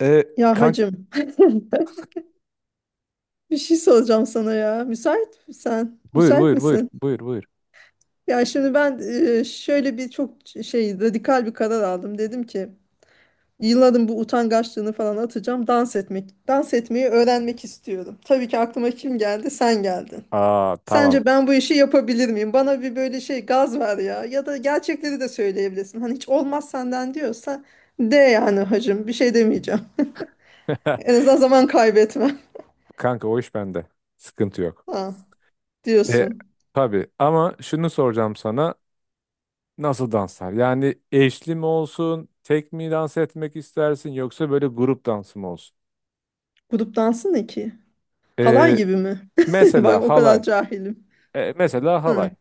E, Ya Kank, hacım bir şey soracağım sana ya. Müsait misin? buyur Müsait buyur buyur misin? buyur buyur. Ya şimdi ben şöyle bir çok şey radikal bir karar aldım. Dedim ki yılların bu utangaçlığını falan atacağım. Dans etmek, dans etmeyi öğrenmek istiyorum. Tabii ki aklıma kim geldi? Sen geldin. Aa, tamam. Sence ben bu işi yapabilir miyim? Bana bir böyle şey gaz ver ya. Ya da gerçekleri de söyleyebilirsin. Hani hiç olmaz senden diyorsa de yani hacım bir şey demeyeceğim. En azından zaman kaybetme. Kanka, o iş bende. Sıkıntı yok. Ha, E, diyorsun. tabii, ama şunu soracağım sana. Nasıl danslar? Yani, eşli mi olsun? Tek mi dans etmek istersin? Yoksa böyle grup dansı mı olsun? Grup dansı ne ki? Halay E, gibi mi? Bak Mesela o kadar halay. cahilim. Mesela Hı. halay.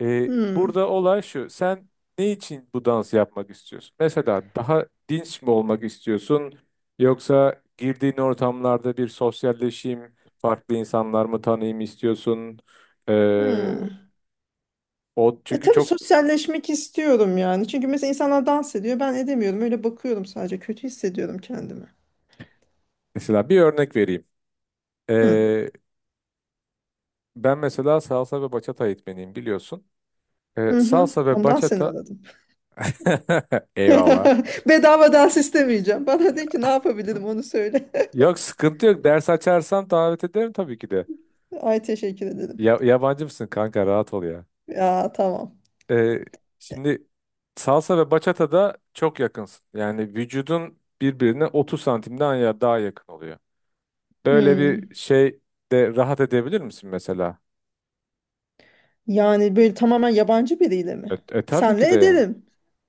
Hı. Burada olay şu. Sen ne için bu dansı yapmak istiyorsun? Mesela, daha dinç mi olmak istiyorsun? Yoksa girdiğin ortamlarda bir sosyalleşeyim, farklı insanlar mı tanıyayım istiyorsun? E, Hı. o E çünkü tabii çok sosyalleşmek istiyorum yani. Çünkü mesela insanlar dans ediyor. Ben edemiyorum. Öyle bakıyorum sadece. Kötü hissediyorum kendimi. Mesela bir örnek vereyim. Hı. E, Ben mesela salsa ve bachata eğitmeniyim, biliyorsun. Hı hı. Salsa ve Ondan seni bachata. aradım. Eyvallah. Bedava dans istemeyeceğim. Bana de ki ne yapabilirim onu söyle. Yok, sıkıntı yok. Ders açarsam davet ederim tabii ki de. Ay teşekkür ederim. Ya, yabancı mısın kanka, rahat ol ya. Ya tamam. Ee, Şimdi salsa ve bachata da çok yakınsın. Yani vücudun birbirine 30 santimden ya daha yakın oluyor. Böyle Hı. bir şey de rahat edebilir misin mesela? Yani böyle tamamen yabancı biriyle mi? Tabii ki Senle de yani. ederim.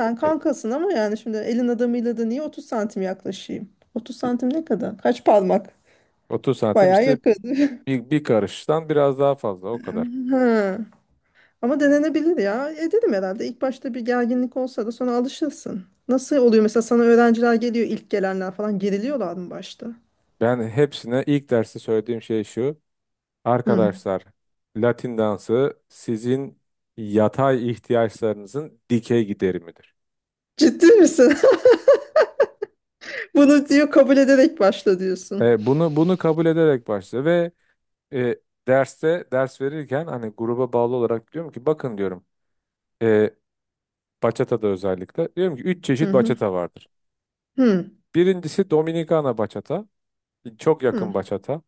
Sen E, kankasın ama yani şimdi elin adamıyla da niye 30 santim yaklaşayım? 30 santim ne kadar? Kaç parmak? 30 santim Bayağı işte, yakın. bir karıştan biraz daha fazla, o kadar. Ha. Ama denenebilir ya. Ederim herhalde. İlk başta bir gerginlik olsa da sonra alışırsın. Nasıl oluyor mesela sana öğrenciler geliyor ilk gelenler falan geriliyorlar mı başta? Ben hepsine ilk derste söylediğim şey şu. Hı. Arkadaşlar, Latin dansı sizin yatay ihtiyaçlarınızın dikey giderimidir. Ciddi misin? Bunu diyor kabul ederek başla diyorsun. Bunu kabul ederek başla ve e, derste ders verirken, hani, gruba bağlı olarak diyorum ki, bakın, diyorum e, bachata'da özellikle, diyorum ki üç Hı çeşit hı. bachata vardır. Hı. Birincisi Dominikana bachata, çok Hı. yakın bachata.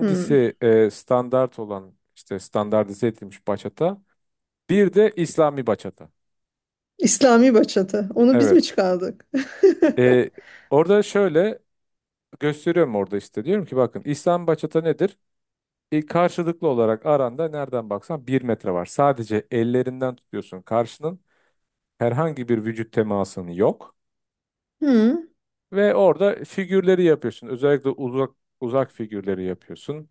Hı. Standart olan, işte standartize edilmiş bachata. Bir de İslami bachata. İslami bachata. Onu biz mi Evet. çıkardık? E, Orada şöyle gösteriyorum, orada işte diyorum ki, bakın, İslam bachata nedir? Karşılıklı olarak aranda nereden baksan bir metre var. Sadece ellerinden tutuyorsun karşının. Herhangi bir vücut temasın yok Hmm, ve orada figürleri yapıyorsun. Özellikle uzak uzak figürleri yapıyorsun.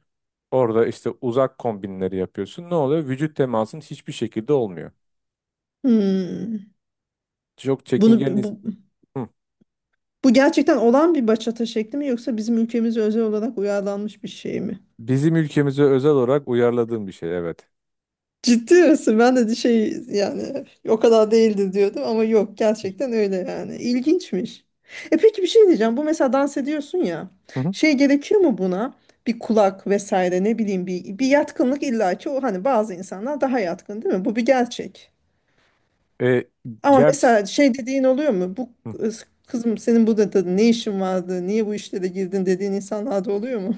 Orada işte uzak kombinleri yapıyorsun. Ne oluyor? Vücut temasın hiçbir şekilde olmuyor. hmm. Çok çekingen. Bunu bu, Hı. bu gerçekten olan bir bachata şekli mi yoksa bizim ülkemize özel olarak uyarlanmış bir şey mi? Bizim ülkemize özel olarak uyarladığım bir şey, evet. Ciddi misin? Ben de şey yani o kadar değildi diyordum ama yok gerçekten öyle yani. İlginçmiş. E peki bir şey diyeceğim. Bu mesela dans ediyorsun ya. Hı hı. Şey gerekiyor mu buna? Bir kulak vesaire ne bileyim bir yatkınlık illaki o hani bazı insanlar daha yatkın değil mi? Bu bir gerçek. E, Ama Gerçi. mesela şey dediğin oluyor mu? Bu Hı. kızım senin burada da ne işin vardı? Niye bu işlere girdin dediğin insanlar da oluyor mu?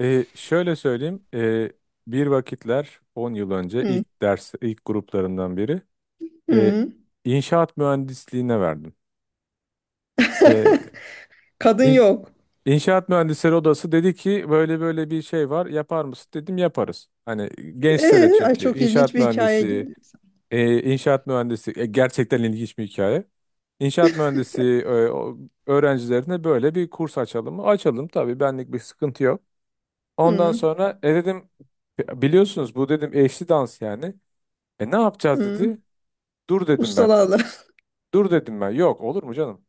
Şöyle söyleyeyim. Bir vakitler, 10 yıl önce, Hı. ilk ders, ilk gruplarından biri e, Hı. inşaat mühendisliğine verdim. E, Kadın in- yok. İnşaat mühendisleri odası dedi ki, böyle böyle bir şey var, yapar mısın? Dedim, yaparız. Hani gençlere, Ay çünkü çok ilginç inşaat bir hikaye mühendisi, geliyor. Gerçekten ilginç bir hikaye. İnşaat mühendisi öğrencilerine böyle bir kurs açalım mı? Açalım tabii, benlik bir sıkıntı yok. Ondan Hı. sonra dedim, biliyorsunuz bu," dedim, "eşli dans yani." "Ne yapacağız?" Hı. dedi. "Dur," dedim ben. Ustalarla "Dur," dedim ben. Yok, olur mu canım?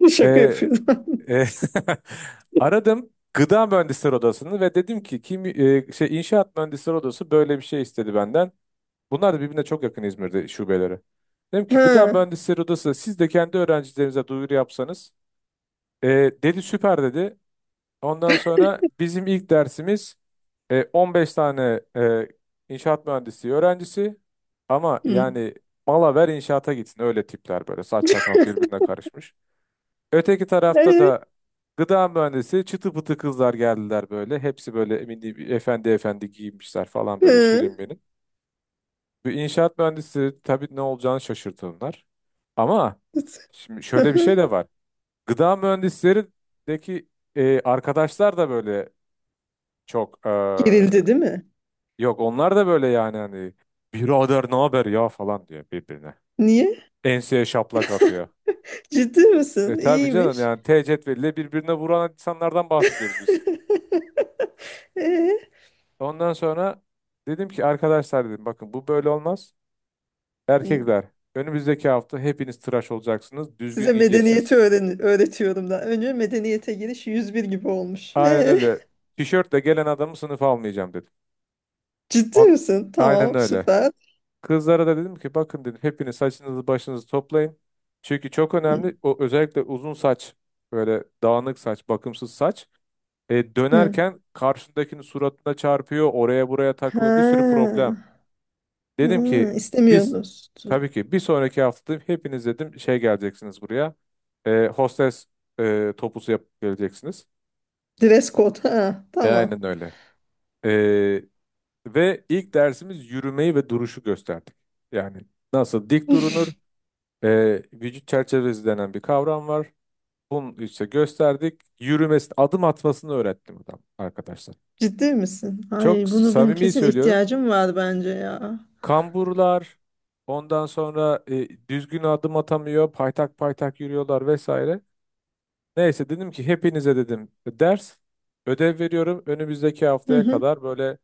E, şaka yapıyorum. E, Aradım gıda mühendisleri odasını ve dedim ki, kim şey, inşaat mühendisleri odası böyle bir şey istedi benden. Bunlar da birbirine çok yakın, İzmir'de şubeleri. Dedim ki, gıda Ha. mühendisleri odası, siz de kendi öğrencilerinize duyuru yapsanız. E, "Dedi, süper," dedi. Ondan sonra bizim ilk dersimiz 15 tane inşaat mühendisliği öğrencisi, ama Hı. yani mala ver inşaata gitsin öyle tipler, böyle saç sakal birbirine karışmış. Öteki tarafta Ee, da gıda mühendisi çıtı pıtı kızlar geldiler böyle. Hepsi böyle emin, efendi efendi giyinmişler falan, böyle hı. şirin benim. Bir inşaat mühendisi tabii, ne olacağını şaşırtınlar. Ama şimdi şöyle bir şey de var. Gıda mühendislerindeki arkadaşlar da böyle çok Gerildi değil mi? yok, onlar da böyle, yani hani, "Birader ne haber ya" falan diyor birbirine. Niye? Enseye şaplak atıyor. Ciddi misin? Tabii canım, İyiymiş. yani T cetveliyle birbirine vuran insanlardan bahsediyoruz biz. Ee? Ondan sonra dedim ki, arkadaşlar dedim, bakın, bu böyle olmaz. Erkekler, önümüzdeki hafta hepiniz tıraş olacaksınız. Düzgün Size medeniyeti giyeceksiniz. öğretiyorum da. Önce medeniyete giriş 101 gibi olmuş. Aynen öyle. Tişörtle gelen adamı sınıfa almayacağım, dedim. Ciddi On, misin? aynen Tamam, öyle. süper. Kızlara da dedim ki, bakın dedim, hepiniz saçınızı başınızı toplayın. Çünkü çok Hı. önemli o, özellikle uzun saç, böyle dağınık saç, bakımsız saç. Hı. Dönerken karşındakinin suratına çarpıyor, oraya buraya takılıyor, bir sürü Ha. problem. Dedim Ha, ki, biz istemiyorsunuz. tabii ki bir sonraki hafta hepiniz dedim, şey, geleceksiniz buraya. Hostes topusu yapıp geleceksiniz. Dress code. Ha, tamam. Aynen öyle. E, Ve ilk dersimiz yürümeyi ve duruşu gösterdik. Yani nasıl dik durunur, vücut çerçevesi denen bir kavram var. Bunu işte gösterdik. Yürümesi, adım atmasını öğrettim adam, arkadaşlar. Ciddi misin? Çok Ay bunu benim samimi kesin söylüyorum. ihtiyacım var bence ya. Kamburlar, ondan sonra düzgün adım atamıyor, paytak paytak yürüyorlar vesaire. Neyse, dedim ki, hepinize dedim ders, ödev veriyorum. Önümüzdeki Hı haftaya hı kadar böyle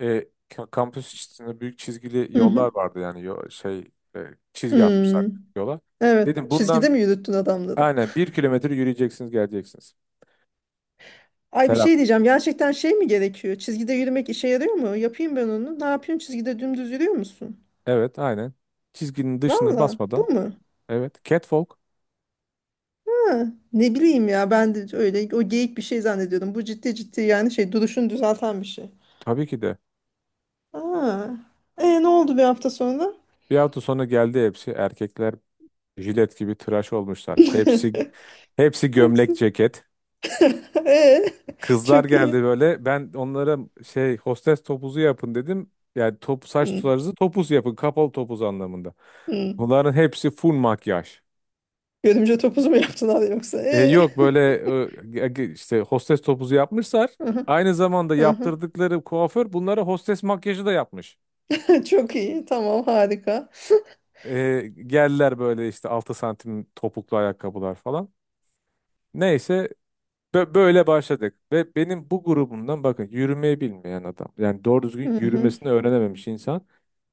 kampüs içinde büyük çizgili hı hı. yollar vardı, yani e, çizgi atmışlar Hmm. yola. Evet. Dedim, Çizgide bundan mi yürüttün adamları? aynen 1 kilometre yürüyeceksiniz, geleceksiniz. Ay bir Selam. şey diyeceğim. Gerçekten şey mi gerekiyor? Çizgide yürümek işe yarıyor mu? Yapayım ben onu. Ne yapıyorsun? Çizgide dümdüz yürüyor musun? Evet, aynen. Çizginin dışına Valla. basmadan. Bu mu? Evet. Catwalk. Ha, ne bileyim ya ben de öyle o geyik bir şey zannediyordum. Bu ciddi ciddi yani şey duruşunu düzelten bir şey. Tabii ki de. Aa. E ne oldu bir hafta sonra? Bir hafta sonra geldi hepsi. Erkekler jilet gibi tıraş olmuşlar. Hepsi hepsi gömlek Hepsi. ceket. E, Kızlar çok geldi iyi. böyle. Ben onlara, şey, hostes topuzu yapın, dedim. Yani top saç Hı, tularınızı topuz yapın. Kapalı topuz anlamında. hı. Bunların hepsi full makyaj. Görümce topuzu mu yaptılar yoksa? E. Yok böyle, işte hostes topuzu yapmışlar. Aha, Aynı zamanda aha. yaptırdıkları kuaför bunlara hostes makyajı da yapmış. Çok iyi. Tamam, harika. Geldiler böyle, işte 6 santim topuklu ayakkabılar falan. Neyse, böyle başladık ve benim bu grubumdan, bakın, yürümeyi bilmeyen adam, yani doğru Hı düzgün hı. yürümesini öğrenememiş insan.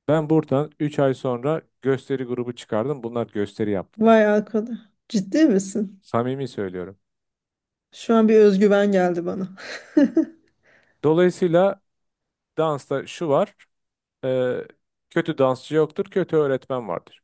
Ben buradan 3 ay sonra gösteri grubu çıkardım. Bunlar gösteri yaptılar. Vay arkadaş. Ciddi misin? Samimi söylüyorum. Şu an bir özgüven geldi bana. Dolayısıyla dansta şu var. e, Kötü dansçı yoktur, kötü öğretmen vardır.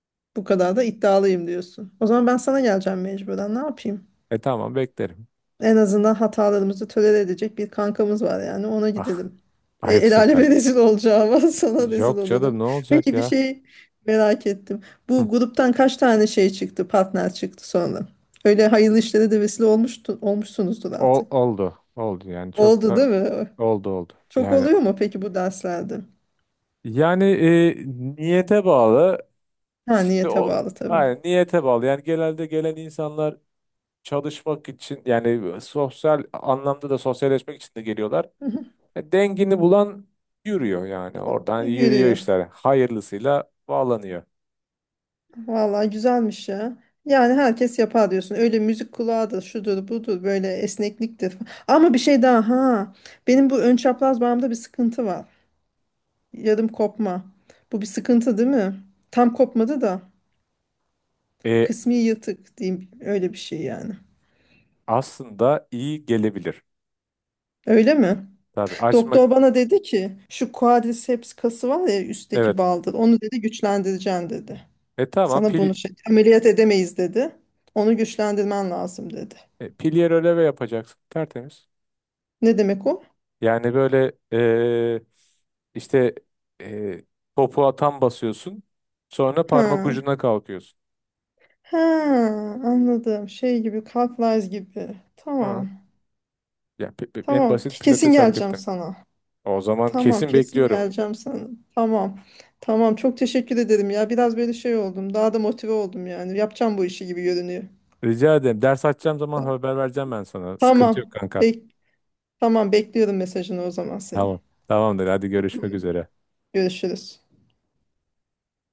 Bu kadar da iddialıyım diyorsun. O zaman ben sana geleceğim mecburen. Ne yapayım? Tamam, beklerim. En azından hatalarımızı tolere edecek bir kankamız var yani ona Ah, gidelim. E, el ayıpsın aleme kanka. rezil olacağıma sana rezil Yok canım, olurum. ne olacak Peki bir ya? şey merak ettim. Hı, Bu gruptan kaç tane şey çıktı, partner çıktı sonra? Öyle hayırlı işlere de vesile olmuşsunuzdur artık. oldu. Oldu yani, çok Oldu da değil mi? oldu oldu. Çok Yani oluyor mu peki bu derslerde? yani niyete bağlı. Ha Şimdi niyete o, bağlı tabii. aynen niyete bağlı. Yani genelde gelen insanlar çalışmak için, yani sosyal anlamda da sosyalleşmek için de geliyorlar. Dengini bulan yürüyor, yani oradan yürüyor Yürüyor. işler. Hayırlısıyla bağlanıyor. Vallahi güzelmiş ya. Yani herkes yapar diyorsun. Öyle müzik kulağı da şudur budur böyle esnekliktir falan. Ama bir şey daha ha. Benim bu ön çapraz bağımda bir sıkıntı var. Yarım kopma. Bu bir sıkıntı değil mi? Tam kopmadı da E, kısmi yırtık diyeyim öyle bir şey yani. Aslında iyi gelebilir. Öyle mi? Tabii, açmak, Doktor bana dedi ki şu quadriceps kası var ya üstteki evet. baldır. Onu dedi güçlendireceğim dedi. Tamam, Sana bunu şey ameliyat edemeyiz dedi. Onu güçlendirmen lazım dedi. Pilyer öleve yapacaksın, tertemiz. Ne demek o? Yani böyle, işte, e, topuğa tam basıyorsun, sonra parmak Ha. ucuna kalkıyorsun. Ha, anladım. Şey gibi, Cartwright gibi. Hı. Tamam. Ya, en Tamam. basit Kesin pilates geleceğim hareketten. sana. O zaman Tamam, kesin kesin bekliyorum. geleceğim sana. Tamam. Tamam. Çok teşekkür ederim ya. Biraz böyle şey oldum. Daha da motive oldum yani. Yapacağım bu işi gibi görünüyor. Rica ederim. Ders açacağım zaman Tamam. haber vereceğim ben sana. Sıkıntı yok Tamam. kanka. Bek tamam, bekliyorum mesajını o zaman senin. Tamam. Tamamdır. Hadi, görüşmek Tamam. üzere. Görüşürüz.